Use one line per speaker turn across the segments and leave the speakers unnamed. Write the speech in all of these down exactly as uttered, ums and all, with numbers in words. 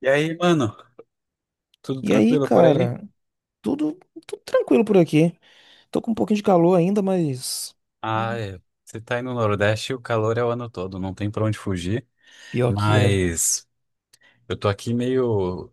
E aí, mano, tudo
E aí,
tranquilo por aí?
cara, tudo, tudo tranquilo por aqui. Tô com um pouquinho de calor ainda, mas
Ah, é. Você tá aí no Nordeste, o calor é o ano todo, não tem pra onde fugir.
pior que é.
Mas eu tô aqui meio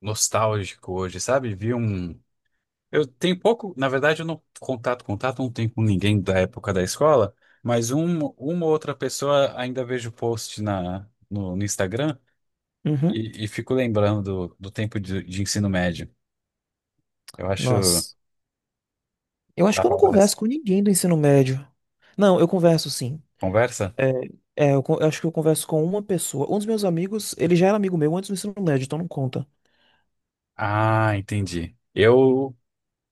nostálgico hoje, sabe? Vi um. Eu tenho pouco, na verdade, eu não contato, contato não tenho com ninguém da época da escola, mas um, uma ou outra pessoa ainda vejo post na, no, no Instagram
Uhum.
e, e fico lembrando do, do tempo de, de ensino médio. Eu acho
Nossa. Eu acho
da
que eu não
hora essa
converso com ninguém do ensino médio. Não, eu converso sim.
conversa.
É, é, eu, con- eu acho que eu converso com uma pessoa. Um dos meus amigos, ele já era amigo meu antes do ensino médio, então não conta.
Ah, entendi. Eu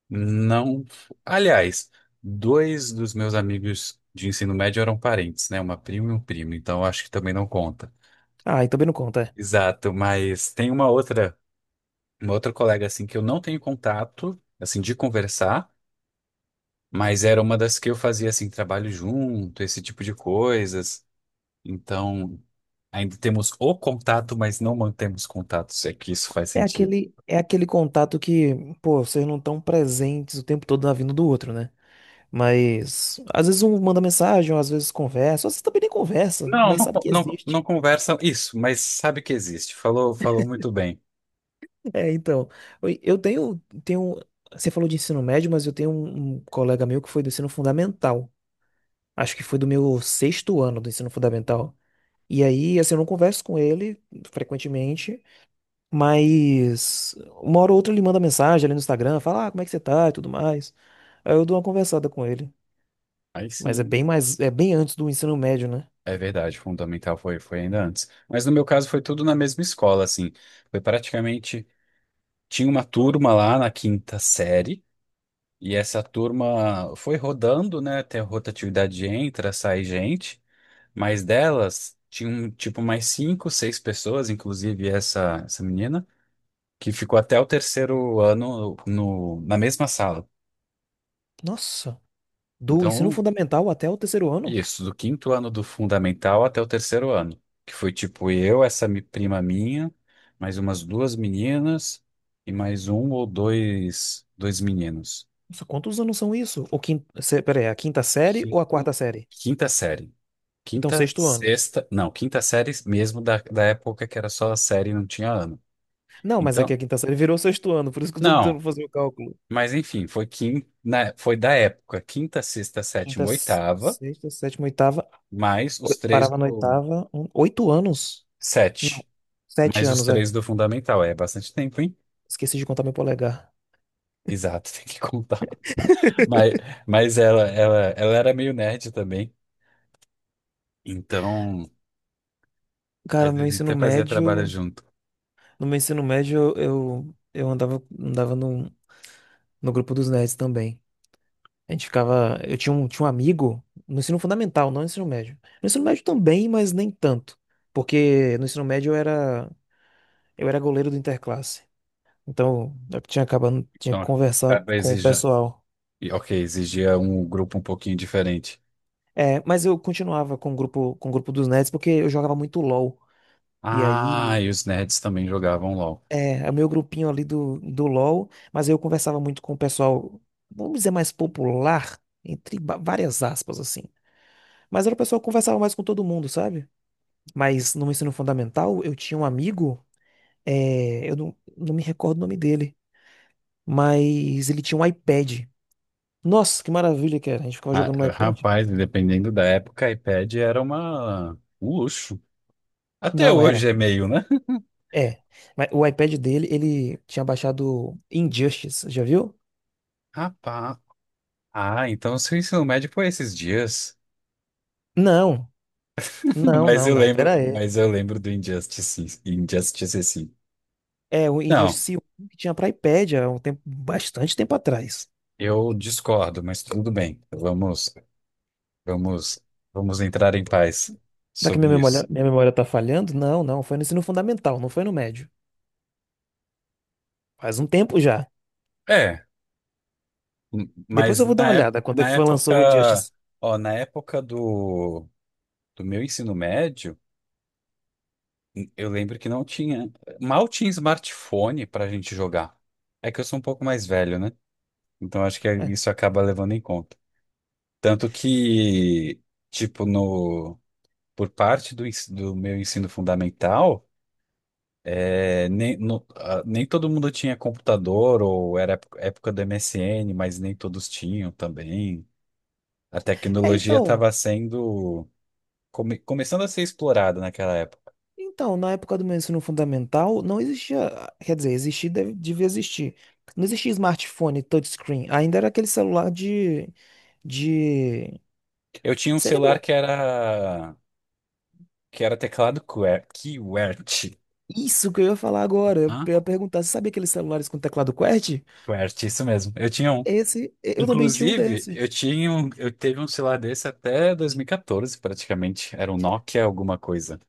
Não. Aliás, dois dos meus amigos de ensino médio eram parentes, né? Uma prima e um primo, então acho que também não conta.
Ah, e também não conta. É.
Exato, mas tem uma outra, uma outra, colega assim, que eu não tenho contato, assim, de conversar, mas era uma das que eu fazia assim trabalho junto, esse tipo de coisas. Então, ainda temos o contato, mas não mantemos contato, se é que isso faz
É
sentido.
aquele, é aquele contato que, pô, vocês não estão presentes o tempo todo na vida um do outro, né? Mas às vezes um manda mensagem, ou às vezes conversa, ou às vezes também nem conversa,
Não,
mas
não,
sabe que
não,
existe.
não conversam isso, mas sabe que existe. Falou, falou muito bem.
É, então, eu eu tenho, tenho, você falou de ensino médio, mas eu tenho um, um colega meu que foi do ensino fundamental. Acho que foi do meu sexto ano do ensino fundamental. E aí, assim, eu não converso com ele frequentemente, mas uma hora ou outra ele manda mensagem ali no Instagram, fala, ah, como é que você tá e tudo mais. Aí eu dou uma conversada com ele.
Aí
Mas é
sim.
bem mais, é bem antes do ensino médio, né?
É verdade, fundamental foi, foi ainda antes. Mas no meu caso foi tudo na mesma escola, assim. Foi praticamente. Tinha uma turma lá na quinta série, e essa turma foi rodando, né? Tem a rotatividade de entra, sai gente, mas delas tinham tipo mais cinco, seis pessoas, inclusive essa, essa menina, que ficou até o terceiro ano no, na mesma sala.
Nossa, do ensino
Então
fundamental até o terceiro ano?
Isso, do quinto ano do fundamental até o terceiro ano, que foi tipo eu, essa mi- prima minha, mais umas duas meninas e mais um ou dois, dois meninos.
Nossa, quantos anos são isso? O quinto, peraí, a quinta série ou a
Quinto-
quarta série?
Quinta série.
Então,
Quinta,
sexto ano.
sexta, não, quinta série mesmo da, da época que era só a série e não tinha ano.
Não, mas é que a
Então,
quinta série virou sexto ano, por isso que eu tô tentando
não,
fazer o cálculo.
mas enfim, foi quin, na- foi da época, quinta, sexta,
Quinta,
sétima,
s-
oitava,
sexta, sétima, oitava.
mais
oi-
os três
Parava na
do
oitava. Um- oito anos? Não,
sete,
sete
mais os
anos, é.
três do fundamental. É bastante tempo, hein?
Esqueci de contar meu polegar.
Exato, tem que contar. Mas, mas ela, ela, ela era meio nerd também, então
Cara,
às
no meu
vezes a gente
ensino
até fazia trabalho
médio.
junto.
No meu ensino médio, eu, eu andava, andava num. No grupo dos nerds também. A gente ficava. Eu tinha um, tinha um amigo no ensino fundamental, não no ensino médio. No ensino médio também, mas nem tanto. Porque no ensino médio eu era, eu era goleiro do interclasse. Então eu tinha acabando, tinha
Então,
que conversar
acaba
com o
exigia,
pessoal.
e, ok, exigia um grupo um pouquinho diferente.
É, mas eu continuava com o grupo, com o grupo dos nerds porque eu jogava muito LOL. E
Ah,
aí,
e os nerds também jogavam LOL.
é, é o meu grupinho ali do, do LOL, mas eu conversava muito com o pessoal, vamos dizer, mais popular, entre ba- várias aspas, assim. Mas era o pessoal que conversava mais com todo mundo, sabe? Mas no ensino fundamental, eu tinha um amigo, é, eu não, não me recordo o nome dele, mas ele tinha um iPad. Nossa, que maravilha que era. A gente ficava
Ah,
jogando no iPad.
rapaz, dependendo da época, iPad era uma um luxo. Até
Não
hoje
era.
é meio, né?
É. Mas o iPad dele, ele tinha baixado Injustice, já viu?
Rapaz, ah, então o seu ensino médio foi esses dias.
Não, não,
Mas
não,
eu
não.
lembro,
Pera aí.
mas eu lembro do Injustice, Injustice, sim.
É, o
Não.
Injustice um que tinha para iPad há um tempo, bastante tempo atrás.
Eu discordo, mas tudo bem. Vamos, vamos, vamos entrar em paz
Será que minha
sobre
memória,
isso.
minha memória tá falhando? Não, não. Foi no ensino fundamental, não foi no médio. Faz um tempo já.
É, m-
Depois
mas
eu vou dar
na
uma
época,
olhada quando é
na
que foi lançou o
época,
Injustice.
ó, na época do, do meu ensino médio, n- eu lembro que não tinha, mal tinha smartphone para a gente jogar. É que eu sou um pouco mais velho, né? Então acho que é,
É.
isso acaba levando em conta. Tanto que, tipo, no, por parte do ens- do meu ensino fundamental. É, nem, no- ah, nem todo mundo tinha computador, ou era época, época do M S N, mas nem todos tinham também. A
É,
tecnologia
então,
estava sendo, come- começando a ser explorada naquela época.
então, na época do meu ensino fundamental, não existia, quer dizer, existia, deve, devia existir. Não existia smartphone touchscreen, ainda era aquele celular de, de...
Eu tinha um
Você
celular
lembra?
que era, que era teclado QWER- QWERTY.
Isso que eu ia falar agora, eu
Hã?
ia perguntar, você sabia aqueles celulares com teclado QWERTY?
QWERTY, isso mesmo. Eu tinha um.
Esse, eu também tinha um
Inclusive,
desse.
eu tinha um, eu teve um celular desse até dois mil e quatorze, praticamente. Era um Nokia alguma coisa.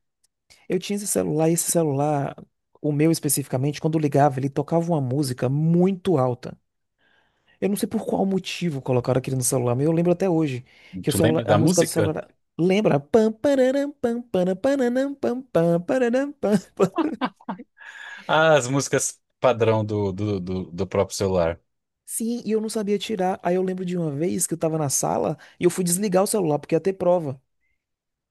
Eu tinha esse celular, e esse celular, o meu especificamente, quando ligava, ele tocava uma música muito alta. Eu não sei por qual motivo colocaram aquilo no celular, mas eu lembro até hoje que o
Tu
celular,
lembra da
a música do
música?
celular era- lembra? Pam, pararam, pam, para, pararam, pam, pam, pararam, pam, pam.
Ah, as músicas padrão do, do, do, do próprio celular.
Sim, e eu não sabia tirar. Aí eu lembro de uma vez que eu tava na sala e eu fui desligar o celular porque ia ter prova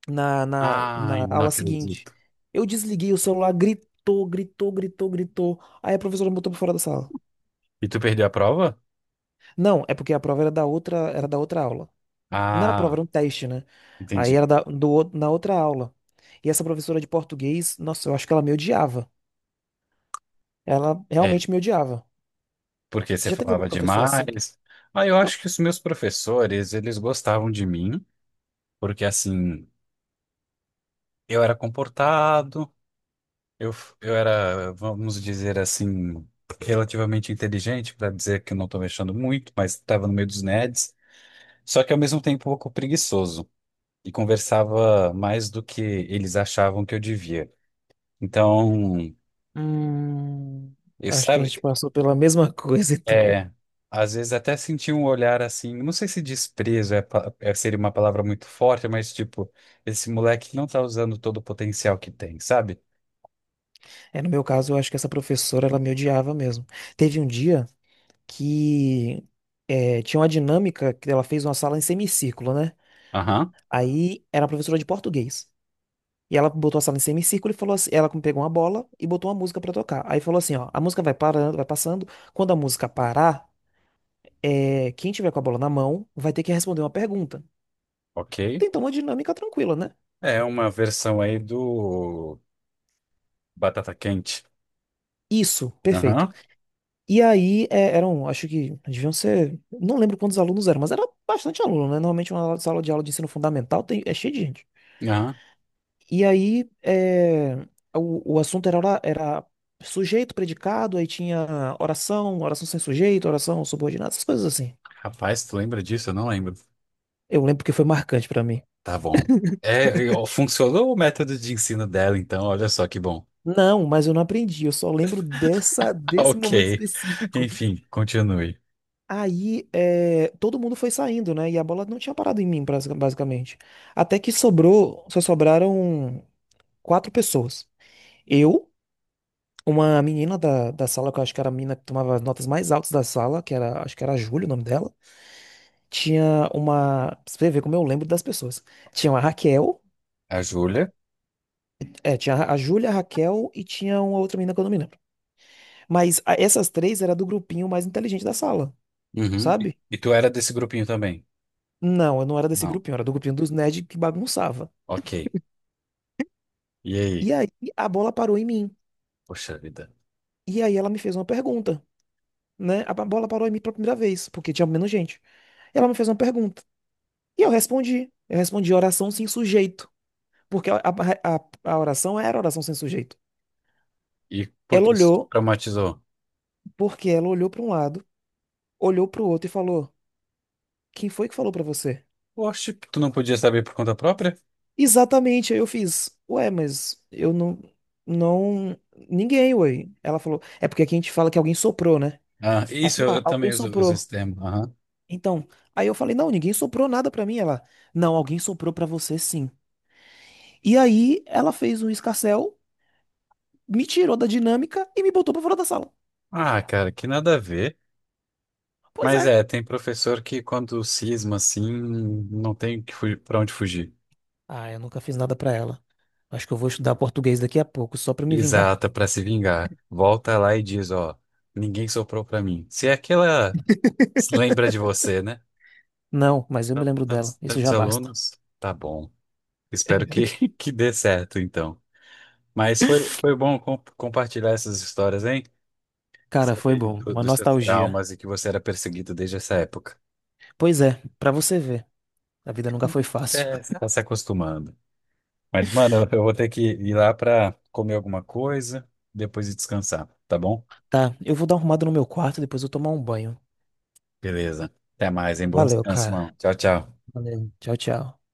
na, na, na
Ai, não
aula seguinte.
acredito.
Eu desliguei o celular, gritou, gritou, gritou, gritou. Aí a professora me botou pra fora da sala.
E tu perdeu a prova?
Não, é porque a prova era da outra, era da outra aula. Não era prova,
Ah,
era um teste, né? Aí
entendi.
era da, do, outro- na outra aula. E essa professora de português, nossa, eu acho que ela me odiava. Ela
É,
realmente me odiava.
porque
Você
você
já teve algum
falava
professor assim?
demais. Ah, eu
Não.
acho que os meus professores, eles gostavam de mim, porque assim, eu era comportado, eu, eu era, vamos dizer assim, relativamente inteligente, para dizer que eu não estou mexendo muito, mas estava no meio dos nerds, só que ao mesmo tempo um pouco preguiçoso. E conversava mais do que eles achavam que eu devia. Então,
Hum,
eu
acho que a
sabe,
gente passou pela mesma coisa, então.
é, às vezes até senti um olhar assim, não sei se desprezo é, pa- é- seria uma palavra muito forte, mas tipo, esse moleque não tá usando todo o potencial que tem, sabe?
É, no meu caso, eu acho que essa professora, ela me odiava mesmo. Teve um dia que é, tinha uma dinâmica que ela fez uma sala em semicírculo, né?
Aham,
Aí era a professora de português. E ela botou a sala em semicírculo e falou assim, ela pegou uma bola e botou uma música pra tocar. Aí falou assim, ó, a música vai parando, vai passando. Quando a música parar, é, quem tiver com a bola na mão vai ter que responder uma pergunta.
ok.
Tentou uma dinâmica tranquila, né?
É uma versão aí do Batata Quente.
Isso, perfeito.
Aham,
E aí é, eram, acho que deviam ser, não lembro quantos alunos eram, mas era bastante aluno, né? Normalmente uma sala de aula de ensino fundamental tem, é cheio de gente.
aham.
E aí, é, o, o assunto era, ora- era sujeito, predicado, aí tinha oração, oração sem sujeito, oração subordinada, essas coisas assim.
Rapaz, tu lembra disso? Eu não lembro.
Eu lembro que foi marcante pra mim.
Tá bom. É, eu- funcionou o método de ensino dela, então, olha só que bom.
Não, mas eu não aprendi, eu só lembro dessa, desse
Ok.
momento específico.
Enfim, continue.
Aí, é, todo mundo foi saindo, né? E a bola não tinha parado em mim, basic- basicamente. Até que sobrou, só sobraram quatro pessoas. Eu. Uma menina da, da sala, que eu acho que era a menina que tomava as notas mais altas da sala, que era, acho que era a Júlia o nome dela, tinha uma. Pra você vê como eu lembro das pessoas. Tinha uma Raquel,
A Júlia.
é, tinha a Júlia, a Raquel e tinha uma outra menina que eu não me lembro. Mas a- essas três era do grupinho mais inteligente da sala,
Uhum. E
sabe?
e tu era desse grupinho também?
Não, eu não era desse
Não.
grupinho, eu era do grupinho dos nerds que bagunçava.
Ok. E
E
aí?
aí a bola parou em mim.
Poxa vida.
E aí ela me fez uma pergunta, né? A bola parou em mim pela primeira vez, porque tinha menos gente. Ela me fez uma pergunta. E eu respondi. Eu respondi oração sem sujeito. Porque a, a, a- a oração era oração sem sujeito.
E por
Ela
que isso te
olhou,
traumatizou?
porque ela olhou para um lado, olhou para o outro e falou: Quem foi que falou para você?
Oxe, tu não podia saber por conta própria?
Exatamente, aí eu fiz. Ué, mas eu não. Não. Ninguém, ué. Ela falou: É porque aqui a gente fala que alguém soprou, né?
Ah,
Ela
isso,
falou:
eu,
Ah,
eu
alguém
também uso, uso
soprou.
esse termo. Aham.
Então. Aí eu falei: Não, ninguém soprou nada para mim. Ela: Não, alguém soprou para você sim. E aí ela fez um escarcéu, me tirou da dinâmica e me botou para fora da sala.
Ah, cara, que nada a ver.
Pois
Mas
é.
é, tem professor que, quando cisma assim, não tem que fu- pra onde fugir.
Ah, eu nunca fiz nada pra ela. Acho que eu vou estudar português daqui a pouco, só pra me vingar.
Exata, pra se vingar. Volta lá e diz, ó, ninguém soprou pra mim. Se é aquela, se lembra de você, né?
Não, mas eu me lembro dela.
Tantos,
Isso
tantos
já basta.
alunos, tá bom. Espero que, que dê certo, então. Mas foi, foi bom com- compartilhar essas histórias, hein?
Cara, foi
Saber
bom.
do-
Uma
dos seus
nostalgia.
traumas e que você era perseguido desde essa época.
Pois é, pra você ver. A vida nunca foi fácil.
É, você tá se acostumando. Mas, mano, eu vou ter que ir lá pra comer alguma coisa, depois ir descansar, tá bom?
Tá, eu vou dar uma arrumada no meu quarto, depois eu tomar um banho.
Beleza. Até mais, hein? Bom
Valeu,
descanso,
cara.
mano. Tchau, tchau.
Valeu. Tchau, tchau.